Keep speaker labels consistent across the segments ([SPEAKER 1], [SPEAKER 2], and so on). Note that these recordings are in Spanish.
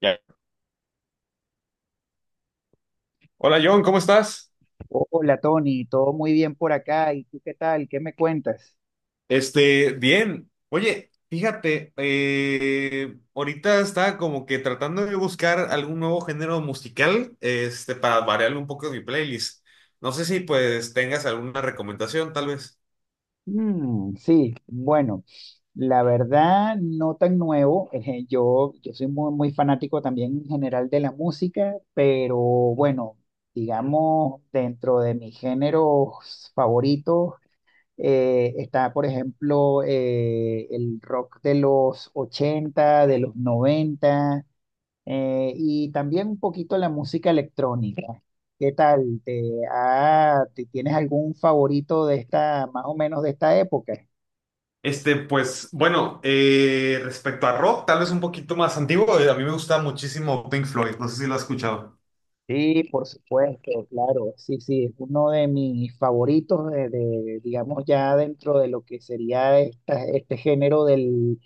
[SPEAKER 1] Ya. Hola John, ¿cómo estás?
[SPEAKER 2] Hola Tony, todo muy bien por acá. ¿Y tú qué tal? ¿Qué me cuentas?
[SPEAKER 1] Bien. Oye, fíjate, ahorita estaba como que tratando de buscar algún nuevo género musical, para variar un poco mi playlist. No sé si pues tengas alguna recomendación, tal vez.
[SPEAKER 2] Mm, sí, bueno, la verdad no tan nuevo. Yo soy muy, muy fanático también en general de la música, pero bueno, digamos, dentro de mis géneros favoritos está, por ejemplo, el rock de los 80, de los 90. Y también un poquito la música electrónica. ¿Qué tal? ¿ Tienes algún favorito de esta, más o menos de esta época?
[SPEAKER 1] Pues bueno, respecto a rock, tal vez un poquito más antiguo, a mí me gusta muchísimo Pink Floyd, no sé si lo has escuchado.
[SPEAKER 2] Sí, por supuesto, claro, sí, sí, es uno de mis favoritos digamos, ya dentro de lo que sería este género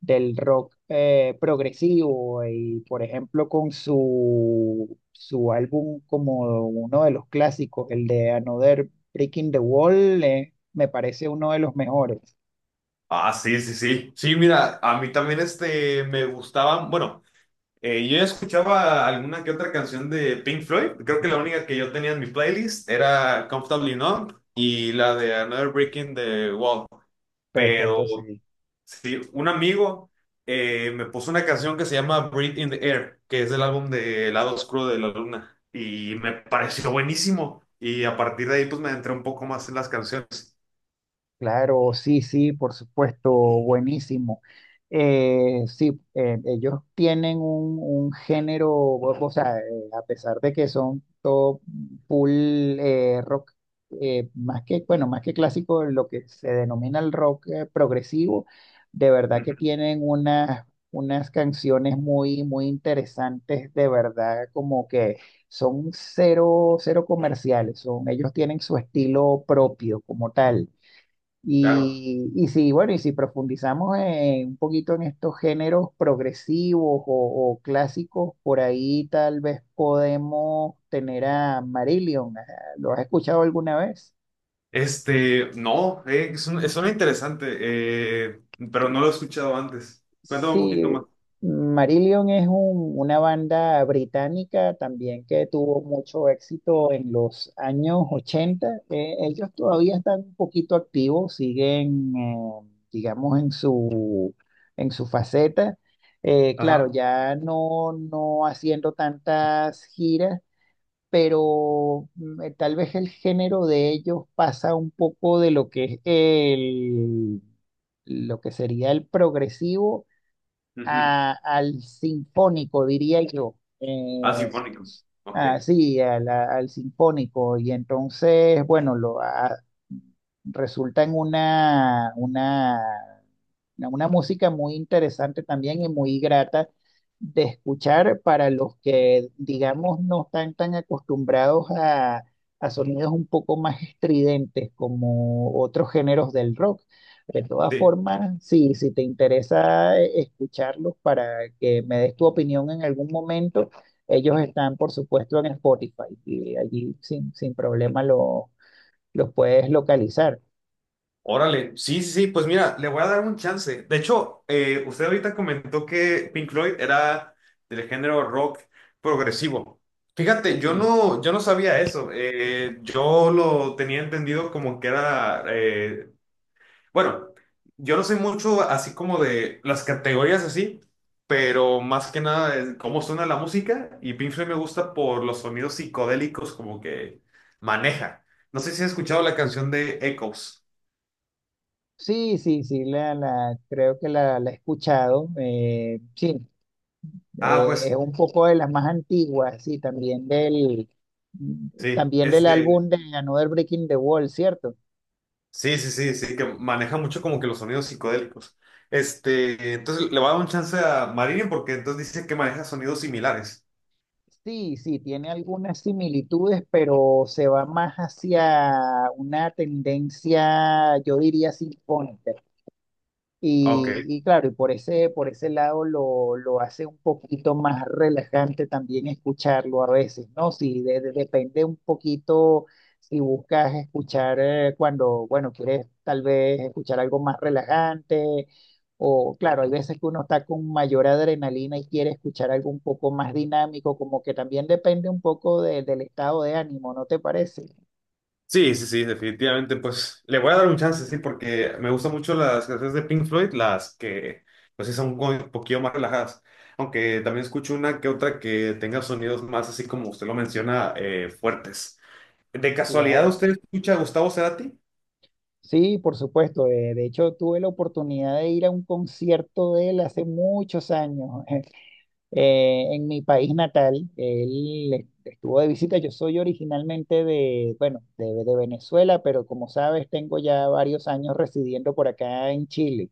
[SPEAKER 2] del rock progresivo y, por ejemplo, con su álbum como uno de los clásicos, el de Another Breaking the Wall, me parece uno de los mejores.
[SPEAKER 1] Ah, sí, sí, sí. Sí, mira, a mí también me gustaban, bueno. Yo ya escuchaba alguna que otra canción de Pink Floyd. Creo que la única que yo tenía en mi playlist era Comfortably Numb y la de Another Breaking the Wall. Pero
[SPEAKER 2] Perfecto, sí.
[SPEAKER 1] sí, un amigo me puso una canción que se llama Breathe in the Air, que es del álbum de El Lado Oscuro de la Luna. Y me pareció buenísimo. Y a partir de ahí, pues me adentré un poco más en las canciones.
[SPEAKER 2] Claro, sí, sí, por supuesto, buenísimo. Sí, ellos tienen un género, o sea, a pesar de que son todo full rock, más que, bueno, más que clásico, lo que se denomina el rock progresivo, de verdad que
[SPEAKER 1] Ujú.
[SPEAKER 2] tienen unas, unas canciones muy, muy interesantes, de verdad, como que son cero, cero comerciales, son, ellos tienen su estilo propio como tal.
[SPEAKER 1] Claro.
[SPEAKER 2] Y si bueno, y si profundizamos un poquito en estos géneros progresivos o clásicos, por ahí tal vez podemos tener a Marillion. Ajá, ¿lo has escuchado alguna vez?
[SPEAKER 1] No, es un- suena interesante, pero no lo he escuchado antes. Cuéntame un
[SPEAKER 2] Sí,
[SPEAKER 1] poquito más.
[SPEAKER 2] Marillion es una banda británica también que tuvo mucho éxito en los años 80. Ellos todavía están un poquito activos, siguen, digamos, en su faceta. Claro,
[SPEAKER 1] Ajá.
[SPEAKER 2] ya no, no haciendo tantas giras, pero mm, tal vez el género de ellos pasa un poco de lo que es lo que sería el progresivo
[SPEAKER 1] Ujú.
[SPEAKER 2] al sinfónico, diría yo.
[SPEAKER 1] Ah, sinfónico. Ok.
[SPEAKER 2] Sí, a al sinfónico. Y entonces, bueno, resulta en una música muy interesante también y muy grata de escuchar para los que, digamos, no están tan acostumbrados a sonidos un poco más estridentes como otros géneros del rock. De todas
[SPEAKER 1] Sí.
[SPEAKER 2] formas, sí, si te interesa escucharlos para que me des tu opinión en algún momento, ellos están, por supuesto, en Spotify y allí sin, sin problema los puedes localizar.
[SPEAKER 1] Órale. Sí, sí, sí. Pues mira, le voy a dar un chance. De hecho, usted ahorita comentó que Pink Floyd era del género rock progresivo. Fíjate,
[SPEAKER 2] Sí.
[SPEAKER 1] yo no sabía eso. Yo lo tenía entendido como que era bueno, yo no sé mucho así como de las categorías así, pero más que nada es cómo suena la música y Pink Floyd me gusta por los sonidos psicodélicos como que maneja. No sé si has escuchado la canción de Echoes.
[SPEAKER 2] Sí, sí, sí, creo que la he escuchado. Sí,
[SPEAKER 1] Ah,
[SPEAKER 2] es
[SPEAKER 1] pues
[SPEAKER 2] un poco de las más antiguas, sí,
[SPEAKER 1] sí,
[SPEAKER 2] también del álbum de Another Breaking the Wall, ¿cierto?
[SPEAKER 1] sí, sí, sí, sí, que maneja mucho como que los sonidos psicodélicos. Entonces le va a dar un chance a Marillion porque entonces dice que maneja sonidos similares.
[SPEAKER 2] Sí, sí, tiene algunas similitudes, pero se va más hacia una tendencia, yo diría, sinfónica.
[SPEAKER 1] Ah, Ok.
[SPEAKER 2] Y claro, y por por ese lado lo hace un poquito más relajante también escucharlo a veces, ¿no? Si depende un poquito si buscas escuchar cuando, bueno, quieres tal vez escuchar algo más relajante, o claro, hay veces que uno está con mayor adrenalina y quiere escuchar algo un poco más dinámico, como que también depende un poco del estado de ánimo, ¿no te parece?
[SPEAKER 1] Sí, sí, sí, definitivamente, pues le voy a dar un chance, sí, porque me gustan mucho las canciones de Pink Floyd, las que, pues sí, son como un poquillo más relajadas, aunque también escucho una que otra que tenga sonidos más, así como usted lo menciona, fuertes. ¿De casualidad
[SPEAKER 2] Claro.
[SPEAKER 1] usted escucha a Gustavo Cerati?
[SPEAKER 2] Sí, por supuesto. De hecho, tuve la oportunidad de ir a un concierto de él hace muchos años en mi país natal. Él estuvo de visita. Yo soy originalmente de, bueno, de Venezuela, pero como sabes, tengo ya varios años residiendo por acá en Chile.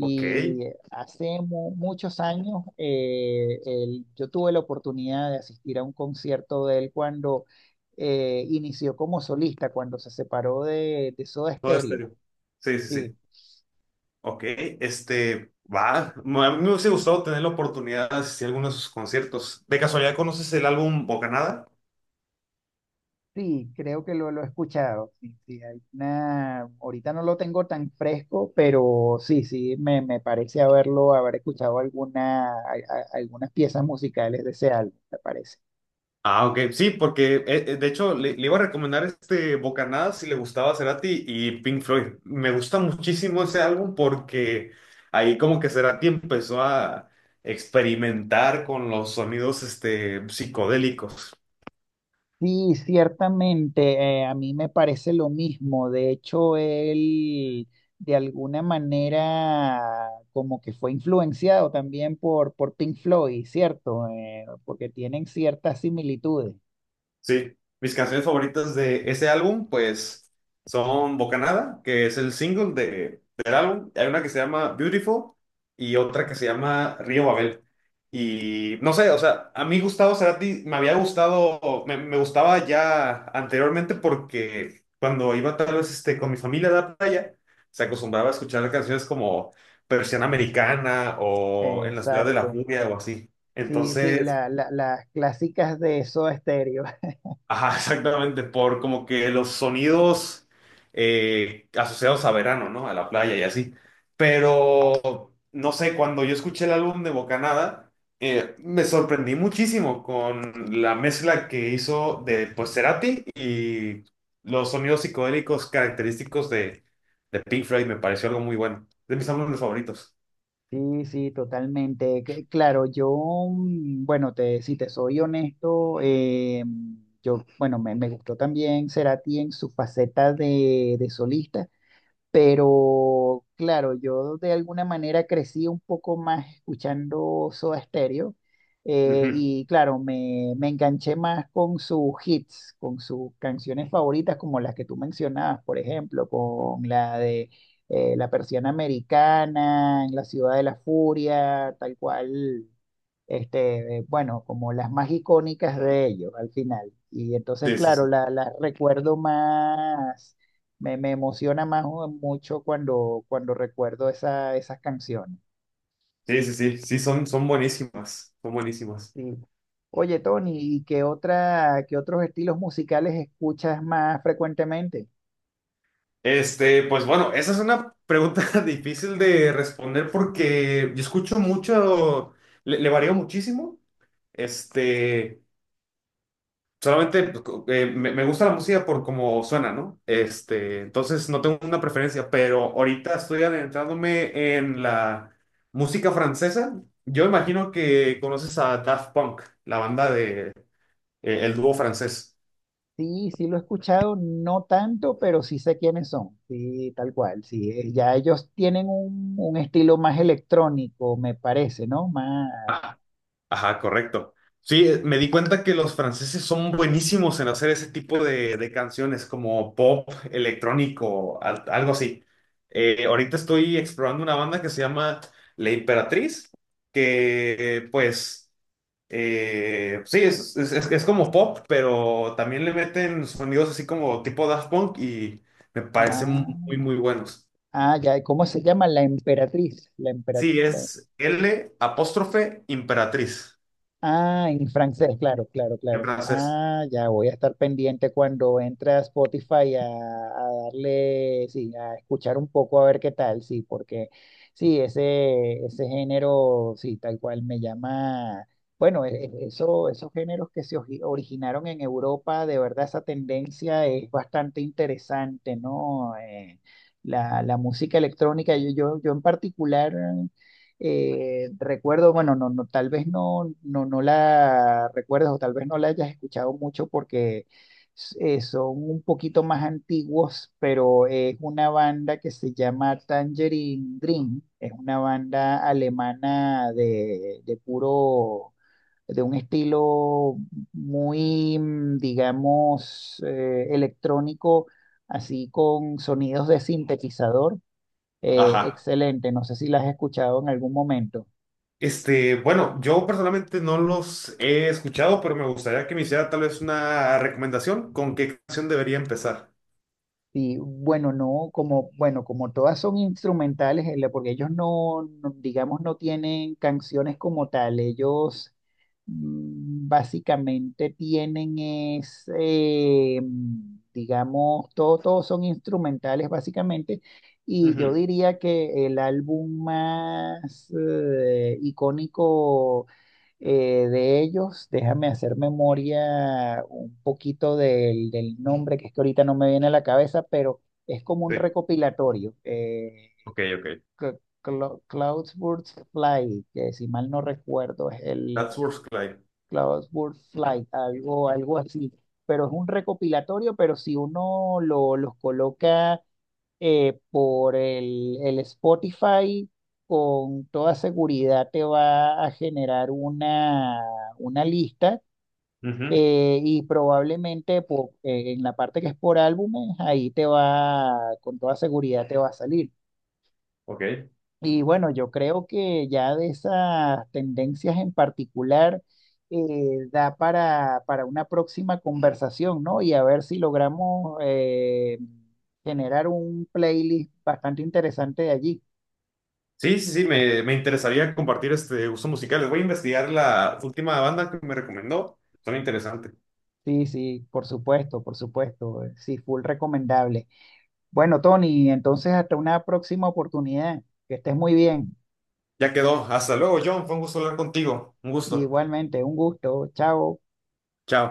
[SPEAKER 1] Ok,
[SPEAKER 2] hace muchos años yo tuve la oportunidad de asistir a un concierto de él cuando inició como solista, cuando se separó de Soda
[SPEAKER 1] todo
[SPEAKER 2] Stereo.
[SPEAKER 1] estéreo. Sí, sí, sí.
[SPEAKER 2] Sí,
[SPEAKER 1] Ok, va, a mí me hubiese gustado tener la oportunidad de asistir a algunos de sus conciertos. ¿De casualidad conoces el álbum Bocanada?
[SPEAKER 2] sí, creo que lo he escuchado. Sí, sí, hay una. Ahorita no lo tengo tan fresco, pero sí, sí, me parece haberlo, haber escuchado algunas piezas musicales de ese álbum, me parece.
[SPEAKER 1] Ah, ok, sí, porque de hecho le iba a recomendar este Bocanadas si le gustaba Cerati y Pink Floyd. Me gusta muchísimo ese álbum porque ahí como que Cerati empezó a experimentar con los sonidos psicodélicos.
[SPEAKER 2] Sí, ciertamente, a mí me parece lo mismo. De hecho, él de alguna manera como que fue influenciado también por Pink Floyd, ¿cierto? Porque tienen ciertas similitudes.
[SPEAKER 1] Sí, mis canciones favoritas de ese álbum, pues, son Bocanada, que es el single del álbum. Hay una que se llama Beautiful y otra que se llama Río Babel. Y no sé, o sea, a mí Gustavo Cerati me había gustado, me gustaba ya anteriormente porque cuando iba tal vez con mi familia a la playa, se acostumbraba a escuchar canciones como Persiana Americana o En la Ciudad de la
[SPEAKER 2] Exacto.
[SPEAKER 1] Furia o así.
[SPEAKER 2] Sí, sí,
[SPEAKER 1] Entonces...
[SPEAKER 2] las clásicas de Soda Stereo.
[SPEAKER 1] Ajá, exactamente, por como que los sonidos asociados a verano, ¿no? A la playa y así. Pero, no sé, cuando yo escuché el álbum de Bocanada, me sorprendí muchísimo con la mezcla que hizo de, pues, Cerati y los sonidos psicodélicos característicos de Pink Floyd. Me pareció algo muy bueno. De mis álbumes favoritos.
[SPEAKER 2] Sí, sí, totalmente. Que claro, yo, mm, bueno, te, si te soy honesto, yo, bueno, me gustó también Cerati en su faceta de solista. Pero claro, yo de alguna manera crecí un poco más escuchando Soda Stereo
[SPEAKER 1] Ujú.
[SPEAKER 2] y claro, me enganché más con sus hits, con sus canciones favoritas como las que tú mencionabas, por ejemplo, con la de la Persiana Americana, En la Ciudad de la Furia, tal cual, este, bueno, como las más icónicas de ellos al final. Y entonces,
[SPEAKER 1] Sí, sí,
[SPEAKER 2] claro,
[SPEAKER 1] sí.
[SPEAKER 2] las recuerdo más, me emociona más mucho cuando, cuando recuerdo esas canciones.
[SPEAKER 1] Sí, sí, sí. Sí, son, son buenísimas. Son buenísimas.
[SPEAKER 2] Sí. Oye, Tony, ¿y qué otra, qué otros estilos musicales escuchas más frecuentemente?
[SPEAKER 1] Pues bueno, esa es una pregunta difícil de responder porque yo escucho mucho, le varío muchísimo. Este, solamente pues, me gusta la música por cómo suena, ¿no? Entonces no tengo una preferencia, pero ahorita estoy adentrándome en la música francesa. Yo imagino que conoces a Daft Punk, la banda de, el dúo francés.
[SPEAKER 2] Sí, sí lo he escuchado, no tanto, pero sí sé quiénes son. Sí, tal cual. Sí, ya ellos tienen un estilo más electrónico, me parece, ¿no? Más,
[SPEAKER 1] Ajá, correcto. Sí, me di cuenta que los franceses son buenísimos en hacer ese tipo de canciones como pop, electrónico, algo así. Ahorita estoy explorando una banda que se llama La Imperatriz, que pues sí, es como pop, pero también le meten sonidos así como tipo Daft Punk y me parecen
[SPEAKER 2] ah,
[SPEAKER 1] muy, muy buenos.
[SPEAKER 2] ah, ya, ¿cómo se llama? La Emperatriz. La Emperatriz.
[SPEAKER 1] Sí, es L apóstrofe Imperatriz
[SPEAKER 2] Ah, en francés, claro, claro,
[SPEAKER 1] en
[SPEAKER 2] claro.
[SPEAKER 1] francés.
[SPEAKER 2] Ah, ya voy a estar pendiente cuando entre a Spotify a darle, sí, a escuchar un poco a ver qué tal, sí, porque sí, ese género, sí, tal cual me llama. Bueno, eso, esos géneros que se originaron en Europa, de verdad esa tendencia es bastante interesante, ¿no? La música electrónica, yo en particular. Recuerdo, bueno, tal vez no la recuerdes o tal vez no la hayas escuchado mucho porque son un poquito más antiguos, pero es una banda que se llama Tangerine Dream, es una banda alemana de puro, de un estilo muy, mm, digamos, electrónico, así con sonidos de sintetizador.
[SPEAKER 1] Ajá.
[SPEAKER 2] Excelente, no sé si la has escuchado en algún momento.
[SPEAKER 1] Bueno, yo personalmente no los he escuchado, pero me gustaría que me hiciera tal vez una recomendación con qué canción debería empezar.
[SPEAKER 2] Sí, bueno, no, como, bueno, como todas son instrumentales, porque ellos no, digamos, no tienen canciones como tal, ellos mm, básicamente tienen es, mm, digamos, todo, todos son instrumentales básicamente, y yo
[SPEAKER 1] Ujú.
[SPEAKER 2] diría que el álbum más icónico de ellos, déjame hacer memoria un poquito del nombre, que es que ahorita no me viene a la cabeza, pero es como un
[SPEAKER 1] Sí.
[SPEAKER 2] recopilatorio.
[SPEAKER 1] Ok, ok.
[SPEAKER 2] Cloudsburst Flight, que si mal no recuerdo, es el
[SPEAKER 1] That's Worth Clyde.
[SPEAKER 2] Cloudsburst Flight, algo, algo así. Pero es un recopilatorio, pero si uno los coloca por el Spotify, con toda seguridad te va a generar una lista
[SPEAKER 1] Ujú.
[SPEAKER 2] y probablemente en la parte que es por álbumes, ahí te va, con toda seguridad te va a salir.
[SPEAKER 1] Ok.
[SPEAKER 2] Y bueno, yo creo que ya de esas tendencias en particular da para una próxima conversación, ¿no? Y a ver si logramos generar un playlist bastante interesante de allí.
[SPEAKER 1] Sí, sí, sí, me interesaría compartir este gusto musical. Les voy a investigar la última banda que me recomendó. Son interesantes.
[SPEAKER 2] Sí, sí, por supuesto, por supuesto. Sí, full recomendable. Bueno, Tony, entonces hasta una próxima oportunidad. Que estés muy bien.
[SPEAKER 1] Ya quedó. Hasta luego, John. Fue un gusto hablar contigo. Un gusto.
[SPEAKER 2] Igualmente, un gusto. Chao.
[SPEAKER 1] Chao.